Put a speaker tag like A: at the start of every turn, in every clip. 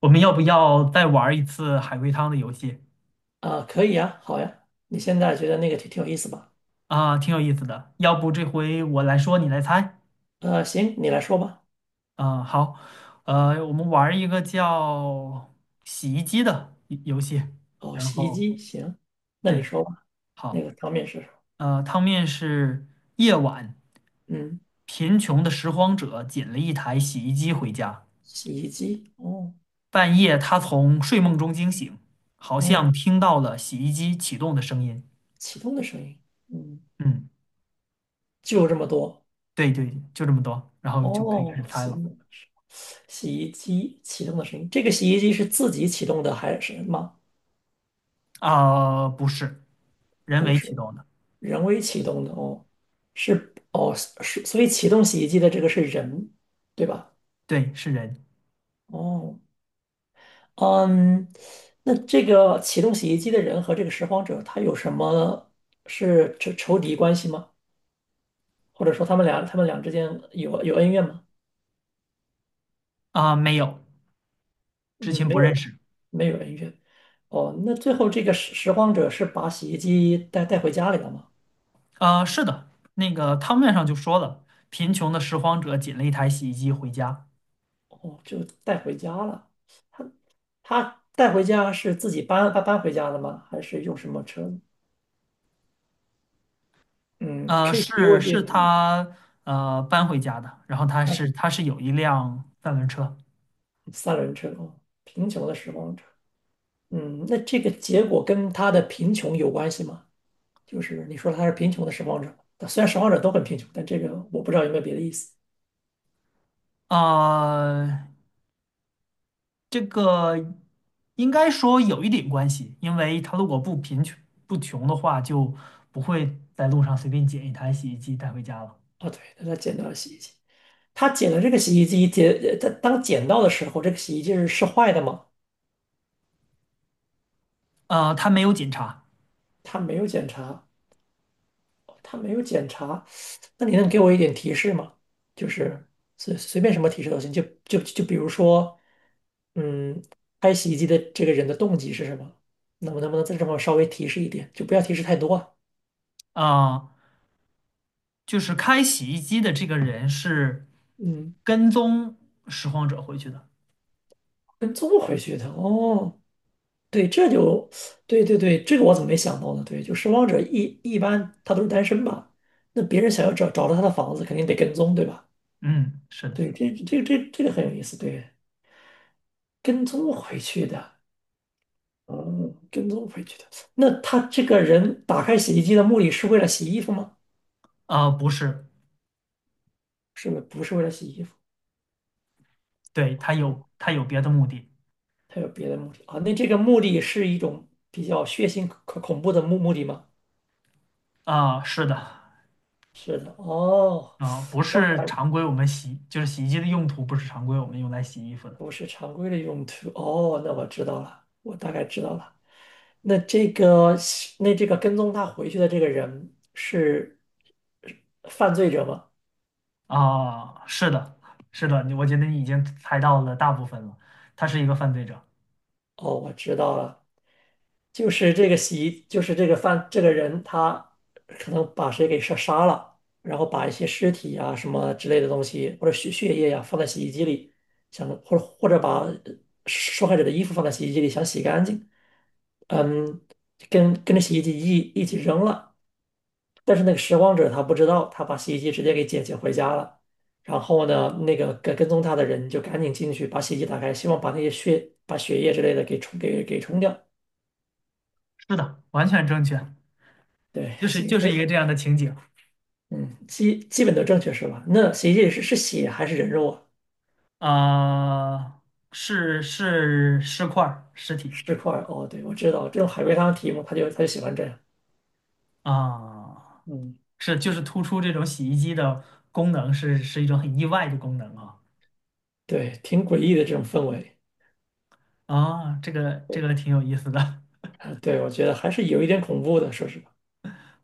A: 我们要不要再玩一次海龟汤的游戏。
B: 啊，可以呀，好呀，你现在觉得那个挺有意思吧？
A: 啊？挺有意思的。要不这回我来说，你来猜。
B: 行，你来说吧。
A: 啊？好，我们玩一个叫洗衣机的游戏。
B: 哦，
A: 然
B: 洗衣
A: 后
B: 机，行，那你
A: 对，
B: 说吧。那
A: 好，
B: 个汤面是什么？
A: 汤面是夜晚，
B: 嗯，
A: 贫穷的拾荒者捡了一台洗衣机回家。
B: 洗衣机，哦，
A: 半夜，他从睡梦中惊醒，好像
B: 嗯，
A: 听到了洗衣机启动的声音。
B: 启动的声音，嗯，
A: 嗯，
B: 就这么多。
A: 对，就这么多，然后就可以开
B: 哦，
A: 始猜了。
B: 行，洗衣机启动的声音，这个洗衣机是自己启动的还是什么？
A: 啊、不是，人
B: 不
A: 为启
B: 是，
A: 动的，
B: 人为启动的哦，是哦是，所以启动洗衣机的这个是人，对吧？
A: 对，是人。
B: 哦。嗯，那这个启动洗衣机的人和这个拾荒者，他有什么是仇敌关系吗？或者说他们俩之间有恩怨吗？
A: 啊、没有，
B: 嗯，
A: 之前
B: 没
A: 不
B: 有
A: 认识。
B: 没有恩怨。哦，那最后这个拾荒者是把洗衣机带回家里了吗？
A: 啊、是的，那个汤面上就说了，贫穷的拾荒者捡了一台洗衣机回家，
B: 哦，就带回家了。他他带回家是自己搬回家的吗？还是用什么车？嗯，可以给我
A: 是
B: 点
A: 是他搬回家的，然后他
B: 啊，
A: 是他是有一辆三轮车。
B: 三轮车哦，贫穷的拾荒者。嗯，那这个结果跟他的贫穷有关系吗？就是你说他是贫穷的拾荒者，虽然拾荒者都很贫穷，但这个我不知道有没有别的意思
A: 呃，这个应该说有一点关系，因为他如果不贫穷不穷的话，就不会在路上随便捡一台洗衣机带回家了。
B: 啊。对，那他捡到了洗衣机，他捡了这个洗衣机，他当捡到的时候，这个洗衣机是是坏的吗？
A: 他没有检查。
B: 他没有检查，哦他没有检查，那你能给我一点提示吗？就是随便什么提示都行，就比如说，嗯，开洗衣机的这个人的动机是什么？能不能再这么稍微提示一点，就不要提示太多啊。
A: 啊，就是开洗衣机的这个人是
B: 嗯，
A: 跟踪拾荒者回去的。
B: 跟踪回去的哦，对，这就对对对，这个我怎么没想到呢？对，就拾荒者一般他都是单身吧？那别人想要找到他的房子，肯定得跟踪，对吧？
A: 嗯，是的。
B: 对，这个很有意思，对，跟踪回去的，嗯，跟踪回去的。那他这个人打开洗衣机的目的是为了洗衣服吗？
A: 啊，不是，
B: 是不是不是为了洗衣服？
A: 对，他
B: 哦，
A: 有他有别的目的。
B: 他有别的目的啊？那这个目的是一种比较血腥、可恐怖的目的吗？
A: 啊，是的。
B: 是的，哦。
A: 啊，不
B: 我
A: 是
B: 感
A: 常规我们洗，就是洗衣机的用途不是常规我们用来洗衣服的。
B: 不是常规的用途。哦，那我知道了，我大概知道了。那这个，那这个跟踪他回去的这个人是犯罪者吗？
A: 啊，是的，是的，你我觉得你已经猜到了大部分了，他是一个犯罪者，
B: 哦，我知道了，就是这个洗衣，就是这个犯这个人，他可能把谁给杀了，然后把一些尸体啊什么之类的东西，或者血液呀、放在洗衣机里，想或者或者把受害者的衣服放在洗衣机里，想洗干净，嗯，跟着洗衣机一起扔了。但是那个拾荒者他不知道，他把洗衣机直接给捡回家了。然后呢，那个跟踪他的人就赶紧进去把洗衣机打开，希望把那些血、把血液之类的给冲掉。
A: 是的，完全正确，
B: 对，
A: 就是就
B: 洗，
A: 是一个这样的情景。
B: 嗯，基本都正确是吧？那洗衣机里是是血还是人肉啊？
A: 啊，是尸块儿尸体。
B: 尸块儿？哦，对，我知道这种海龟汤题目，他就喜欢这样。
A: 啊，
B: 嗯，
A: 是就是
B: 对
A: 突出这种洗衣机的功能是一种很意外的功能啊
B: 对，挺诡异的这种氛围。
A: 啊。这个这
B: 对，
A: 个挺有意思的。
B: 啊，对，我觉得还是有一点恐怖的，说实话。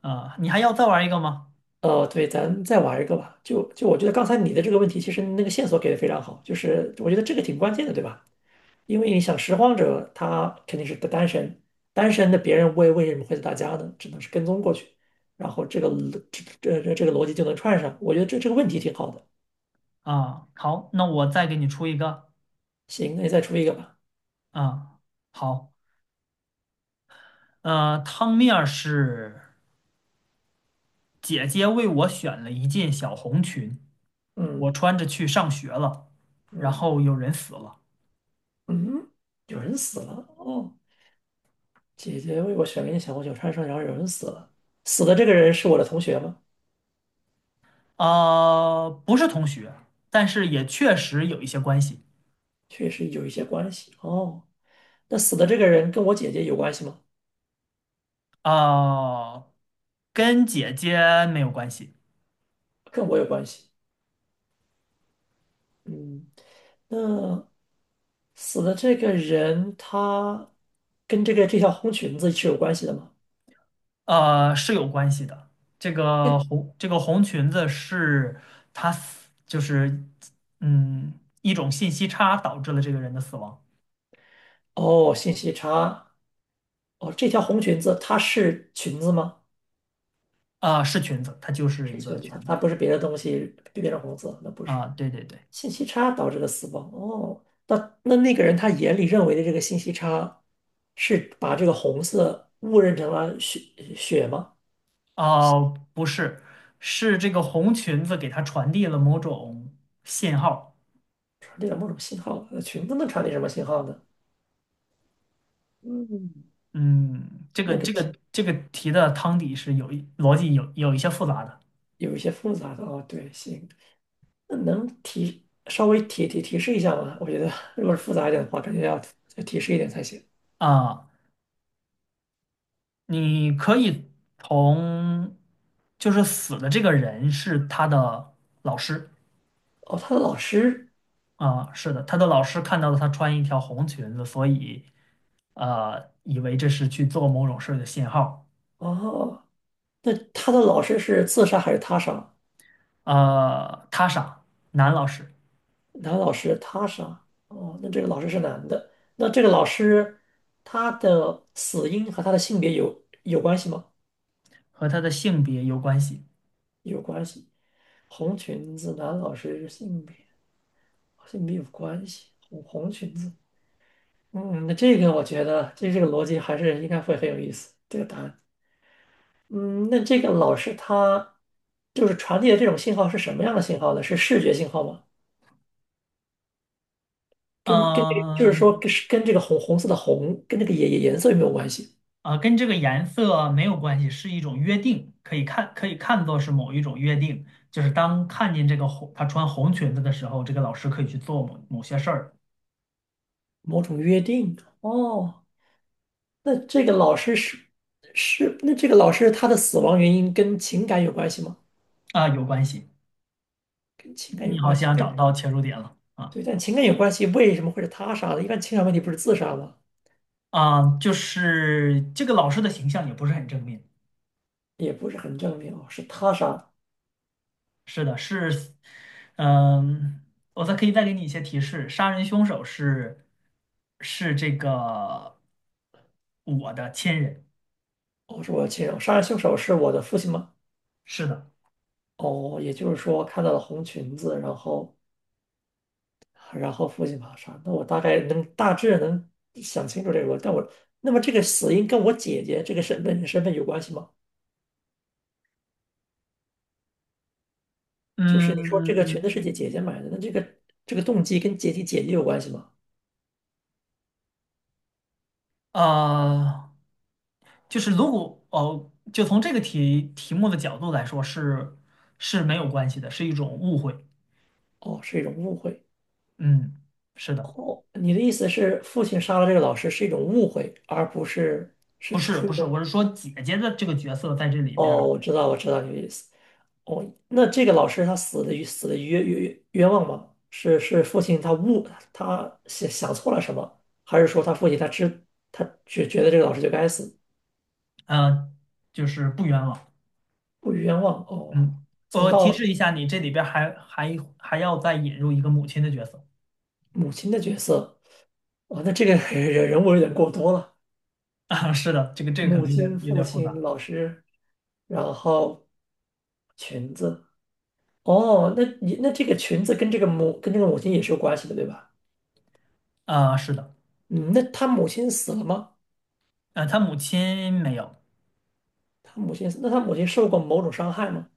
A: 啊，你还要再玩一个吗？
B: 哦，对，咱再玩一个吧。就我觉得刚才你的这个问题，其实那个线索给的非常好，就是我觉得这个挺关键的，对吧？因为你想拾荒者他肯定是个单身，单身的别人为什么会是大家呢？只能是跟踪过去，然后这个逻这这这这个逻辑就能串上。我觉得这个问题挺好的。
A: 啊，好，那我再给你出一个。
B: 行，那你再出一个吧。
A: 啊，好，汤面儿是姐姐为我选了一件小红裙，我
B: 嗯
A: 穿着去上学了，然
B: 嗯
A: 后有人死了。
B: 嗯，有人死了哦，姐姐为我选了一件小红酒穿上，然后有人死了，死的这个人是我的同学吗？
A: 啊，不是同学，但是也确实有一些关系。
B: 确实有一些关系哦。那死的这个人跟我姐姐有关系吗？
A: 哦，跟姐姐没有关系。
B: 跟我有关系。嗯，那死的这个人他跟这个这条红裙子是有关系的吗？
A: 是有关系的。这
B: 这
A: 个红这个红裙子是她死，就是一种信息差导致了这个人的死亡。
B: 哦，信息差。哦，这条红裙子它是裙子吗？
A: 啊，是裙子，它就是
B: 是
A: 一个
B: 裙子，它
A: 裙子。
B: 它不是别的东西变成红色，那不是。
A: 啊，对，
B: 信息差导致的死亡。哦，那那个人他眼里认为的这个信息差，是把这个红色误认成了血吗？
A: 哦，不是，是这个红裙子给她传递了某种信号。
B: 传递了某种信号，那裙子能传递什么信号呢？嗯，
A: 嗯，这个
B: 那个
A: 这
B: 提
A: 个这个题的汤底是有一逻辑有一些复杂的。
B: 有一些复杂的哦，对，行，那能提稍微提示一下吗？我觉得如果是复杂一点的话，肯定要再提示一点才行。
A: 啊。你可以从就是死的这个人是他的老师。
B: 哦，他的老师，
A: 啊，是的，他的老师看到了他穿一条红裙子，所以以为这是去做某种事儿的信号。
B: 哦，那他的老师是自杀还是他杀？
A: 他傻，男老师
B: 男老师他杀，哦，那这个老师是男的，那这个老师他的死因和他的性别有关系吗？
A: 和他的性别有关系。
B: 有关系，红裙子男老师性别。好像没有关系。红裙子，嗯，那这个我觉得这个逻辑还是应该会很有意思。这个答案，嗯，那这个老师他就是传递的这种信号是什么样的信号呢？是视觉信号吗？跟跟这就是
A: 嗯、
B: 说跟这个红色跟这个颜色有没有关系？
A: 跟这个颜色没有关系，是一种约定，可以看作是某一种约定，就是当看见这个红，他穿红裙子的时候，这个老师可以去做某某些事儿。
B: 某种约定？哦，那这个老师是是那这个老师他的死亡原因跟情感有关系吗？
A: 啊，有关系。
B: 跟情感
A: 你
B: 有
A: 好
B: 关系，
A: 像
B: 但
A: 找到切入点了啊。
B: 对，但情感有关系，为什么会是他杀的？一般情感问题不是自杀吗？
A: 啊，就是这个老师的形象也不是很正面。
B: 也不是很证明哦，是他杀的
A: 是的，是，嗯，我再可以再给你一些提示，杀人凶手是这个我的亲人。
B: 哦，是我的亲人，杀人凶手是我的父亲吗？
A: 是的。
B: 哦，也就是说看到了红裙子，然后然后父亲把他杀，那我大概能大致能想清楚这个逻辑但我那么这个死因跟我姐姐这个身份有关系吗？就是你说这个裙
A: 嗯，
B: 子是姐姐买的，那这个这个动机跟姐姐有关系吗？
A: 呃，就是如果哦，就从这个题目的角度来说是是没有关系的，是一种误会。
B: 哦，是一种误会。
A: 嗯，是的。
B: 你的意思是父亲杀了这个老师是一种误会，而不是
A: 不
B: 是
A: 是
B: 出于
A: 不
B: 一
A: 是，
B: 种
A: 我是说姐姐的这个角色在这里边
B: 哦，
A: 儿。
B: 我知道，我知道你的意思。哦，那这个老师他死的冤枉吗？是是父亲他误他想错了什么，还是说他父亲他知他觉得这个老师就该死，
A: 呃，就是不冤枉。
B: 不冤枉？哦，
A: 嗯，
B: 从
A: 我提
B: 到
A: 示一下你，这里边儿还要再引入一个母亲的角色。
B: 母亲的角色，哦，那这个 人物有点过多了，
A: 啊。是的，这个这个可
B: 母
A: 能有点
B: 亲、
A: 有
B: 父
A: 点复
B: 亲、
A: 杂。
B: 老师，然后裙子。哦，那你那这个裙子跟这个母亲也是有关系的，对吧？
A: 啊。是的，
B: 嗯，那他母亲死了吗？
A: 他母亲没有。
B: 他母亲，那他母亲受过某种伤害吗？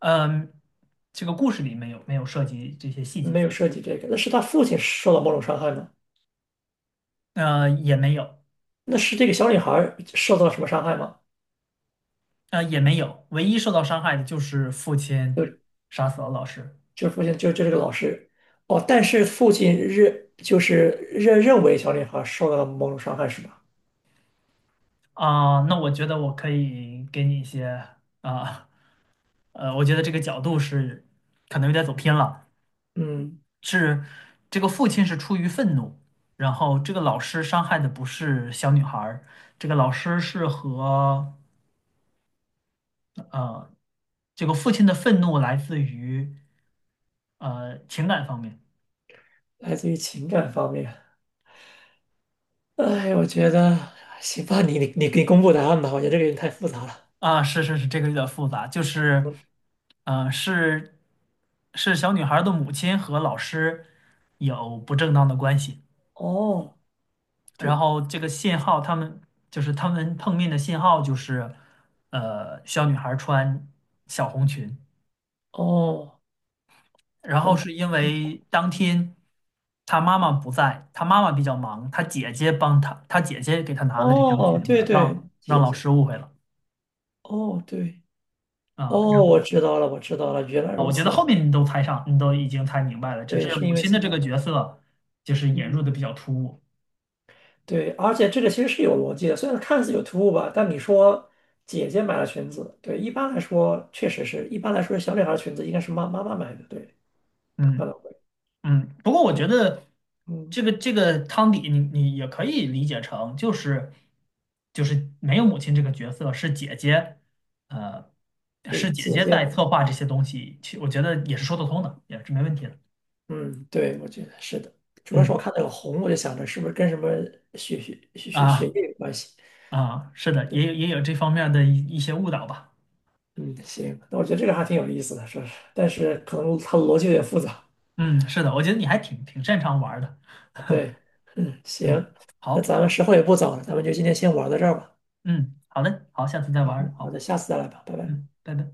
A: 嗯、这个故事里没有涉及这些细节。
B: 没有涉及这个，那是他父亲受到某种伤害吗？
A: 也没有。
B: 那是这个小女孩受到了什么伤害吗？
A: 也没有，唯一受到伤害的就是父亲
B: 就
A: 杀死了老师。
B: 父亲这个老师，哦，但是父亲认认为小女孩受到了某种伤害是吧？
A: 啊、那我觉得我可以给你一些。啊。我觉得这个角度是可能有点走偏了。
B: 嗯，
A: 是这个父亲是出于愤怒，然后这个老师伤害的不是小女孩儿，这个老师是和呃这个父亲的愤怒来自于情感方面。
B: 来自于情感方面。哎，我觉得行吧，你公布答案吧，我觉得这个有点太复杂了。
A: 啊，是是是，这个有点复杂，就是是小女孩儿的母亲和老师有不正当的关系。
B: 哦，
A: 然
B: 对，
A: 后这个信号，他们就是他们碰面的信号就是，小女孩穿小红裙，
B: 哦，
A: 然
B: 他
A: 后
B: 们，
A: 是因为当天她妈妈不在，她妈妈比较忙，她姐姐帮她，她姐姐给她拿了这条裙
B: 哦，对
A: 子，
B: 对，
A: 让
B: 姐
A: 老
B: 姐，
A: 师误会了。
B: 哦对。
A: 啊。
B: 哦，
A: 然
B: 我知道了，我知道了，原来
A: 后
B: 如
A: 我觉得
B: 此。
A: 后面你都猜上，你都已经猜明白了，只
B: 对，
A: 是
B: 是
A: 母
B: 因为
A: 亲的
B: 情
A: 这
B: 感
A: 个
B: 吗？
A: 角色就是引
B: 嗯，
A: 入的比较突兀。
B: 对，而且这个其实是有逻辑的，虽然看似有突兀吧，但你说姐姐买了裙子，对，一般来说确实是，一般来说小女孩的裙子应该是妈妈买的，对，可
A: 嗯。
B: 能会，
A: 嗯，不过我觉
B: 对，
A: 得
B: 嗯，
A: 这个汤底你，你也可以理解成就是没有母亲这个角色，是姐姐，呃，
B: 对，
A: 是姐
B: 姐
A: 姐
B: 姐
A: 在策划这
B: 和
A: 些东西，其我觉得也是说得通的，也是没问题的。
B: 嗯，对，我觉得是的，主要是我
A: 嗯。
B: 看那个红，我就想着是不是跟什么血血血血血
A: 啊。
B: 液有关系，
A: 啊，是的，也有这方面的一些误导吧。
B: 嗯，行，那我觉得这个还挺有意思的，是不是？但是可能它的逻辑有点复杂。
A: 嗯，是的，我觉得你还挺擅长玩儿的。
B: 对，嗯，
A: 嗯，
B: 行，那
A: 好，
B: 咱们时候也不早了，咱们就今天先玩到这儿吧。
A: 嗯，好嘞，好，下次再玩
B: 嗯，
A: 儿
B: 好
A: 好，
B: 的，下次再来吧，拜拜。
A: 嗯，拜拜。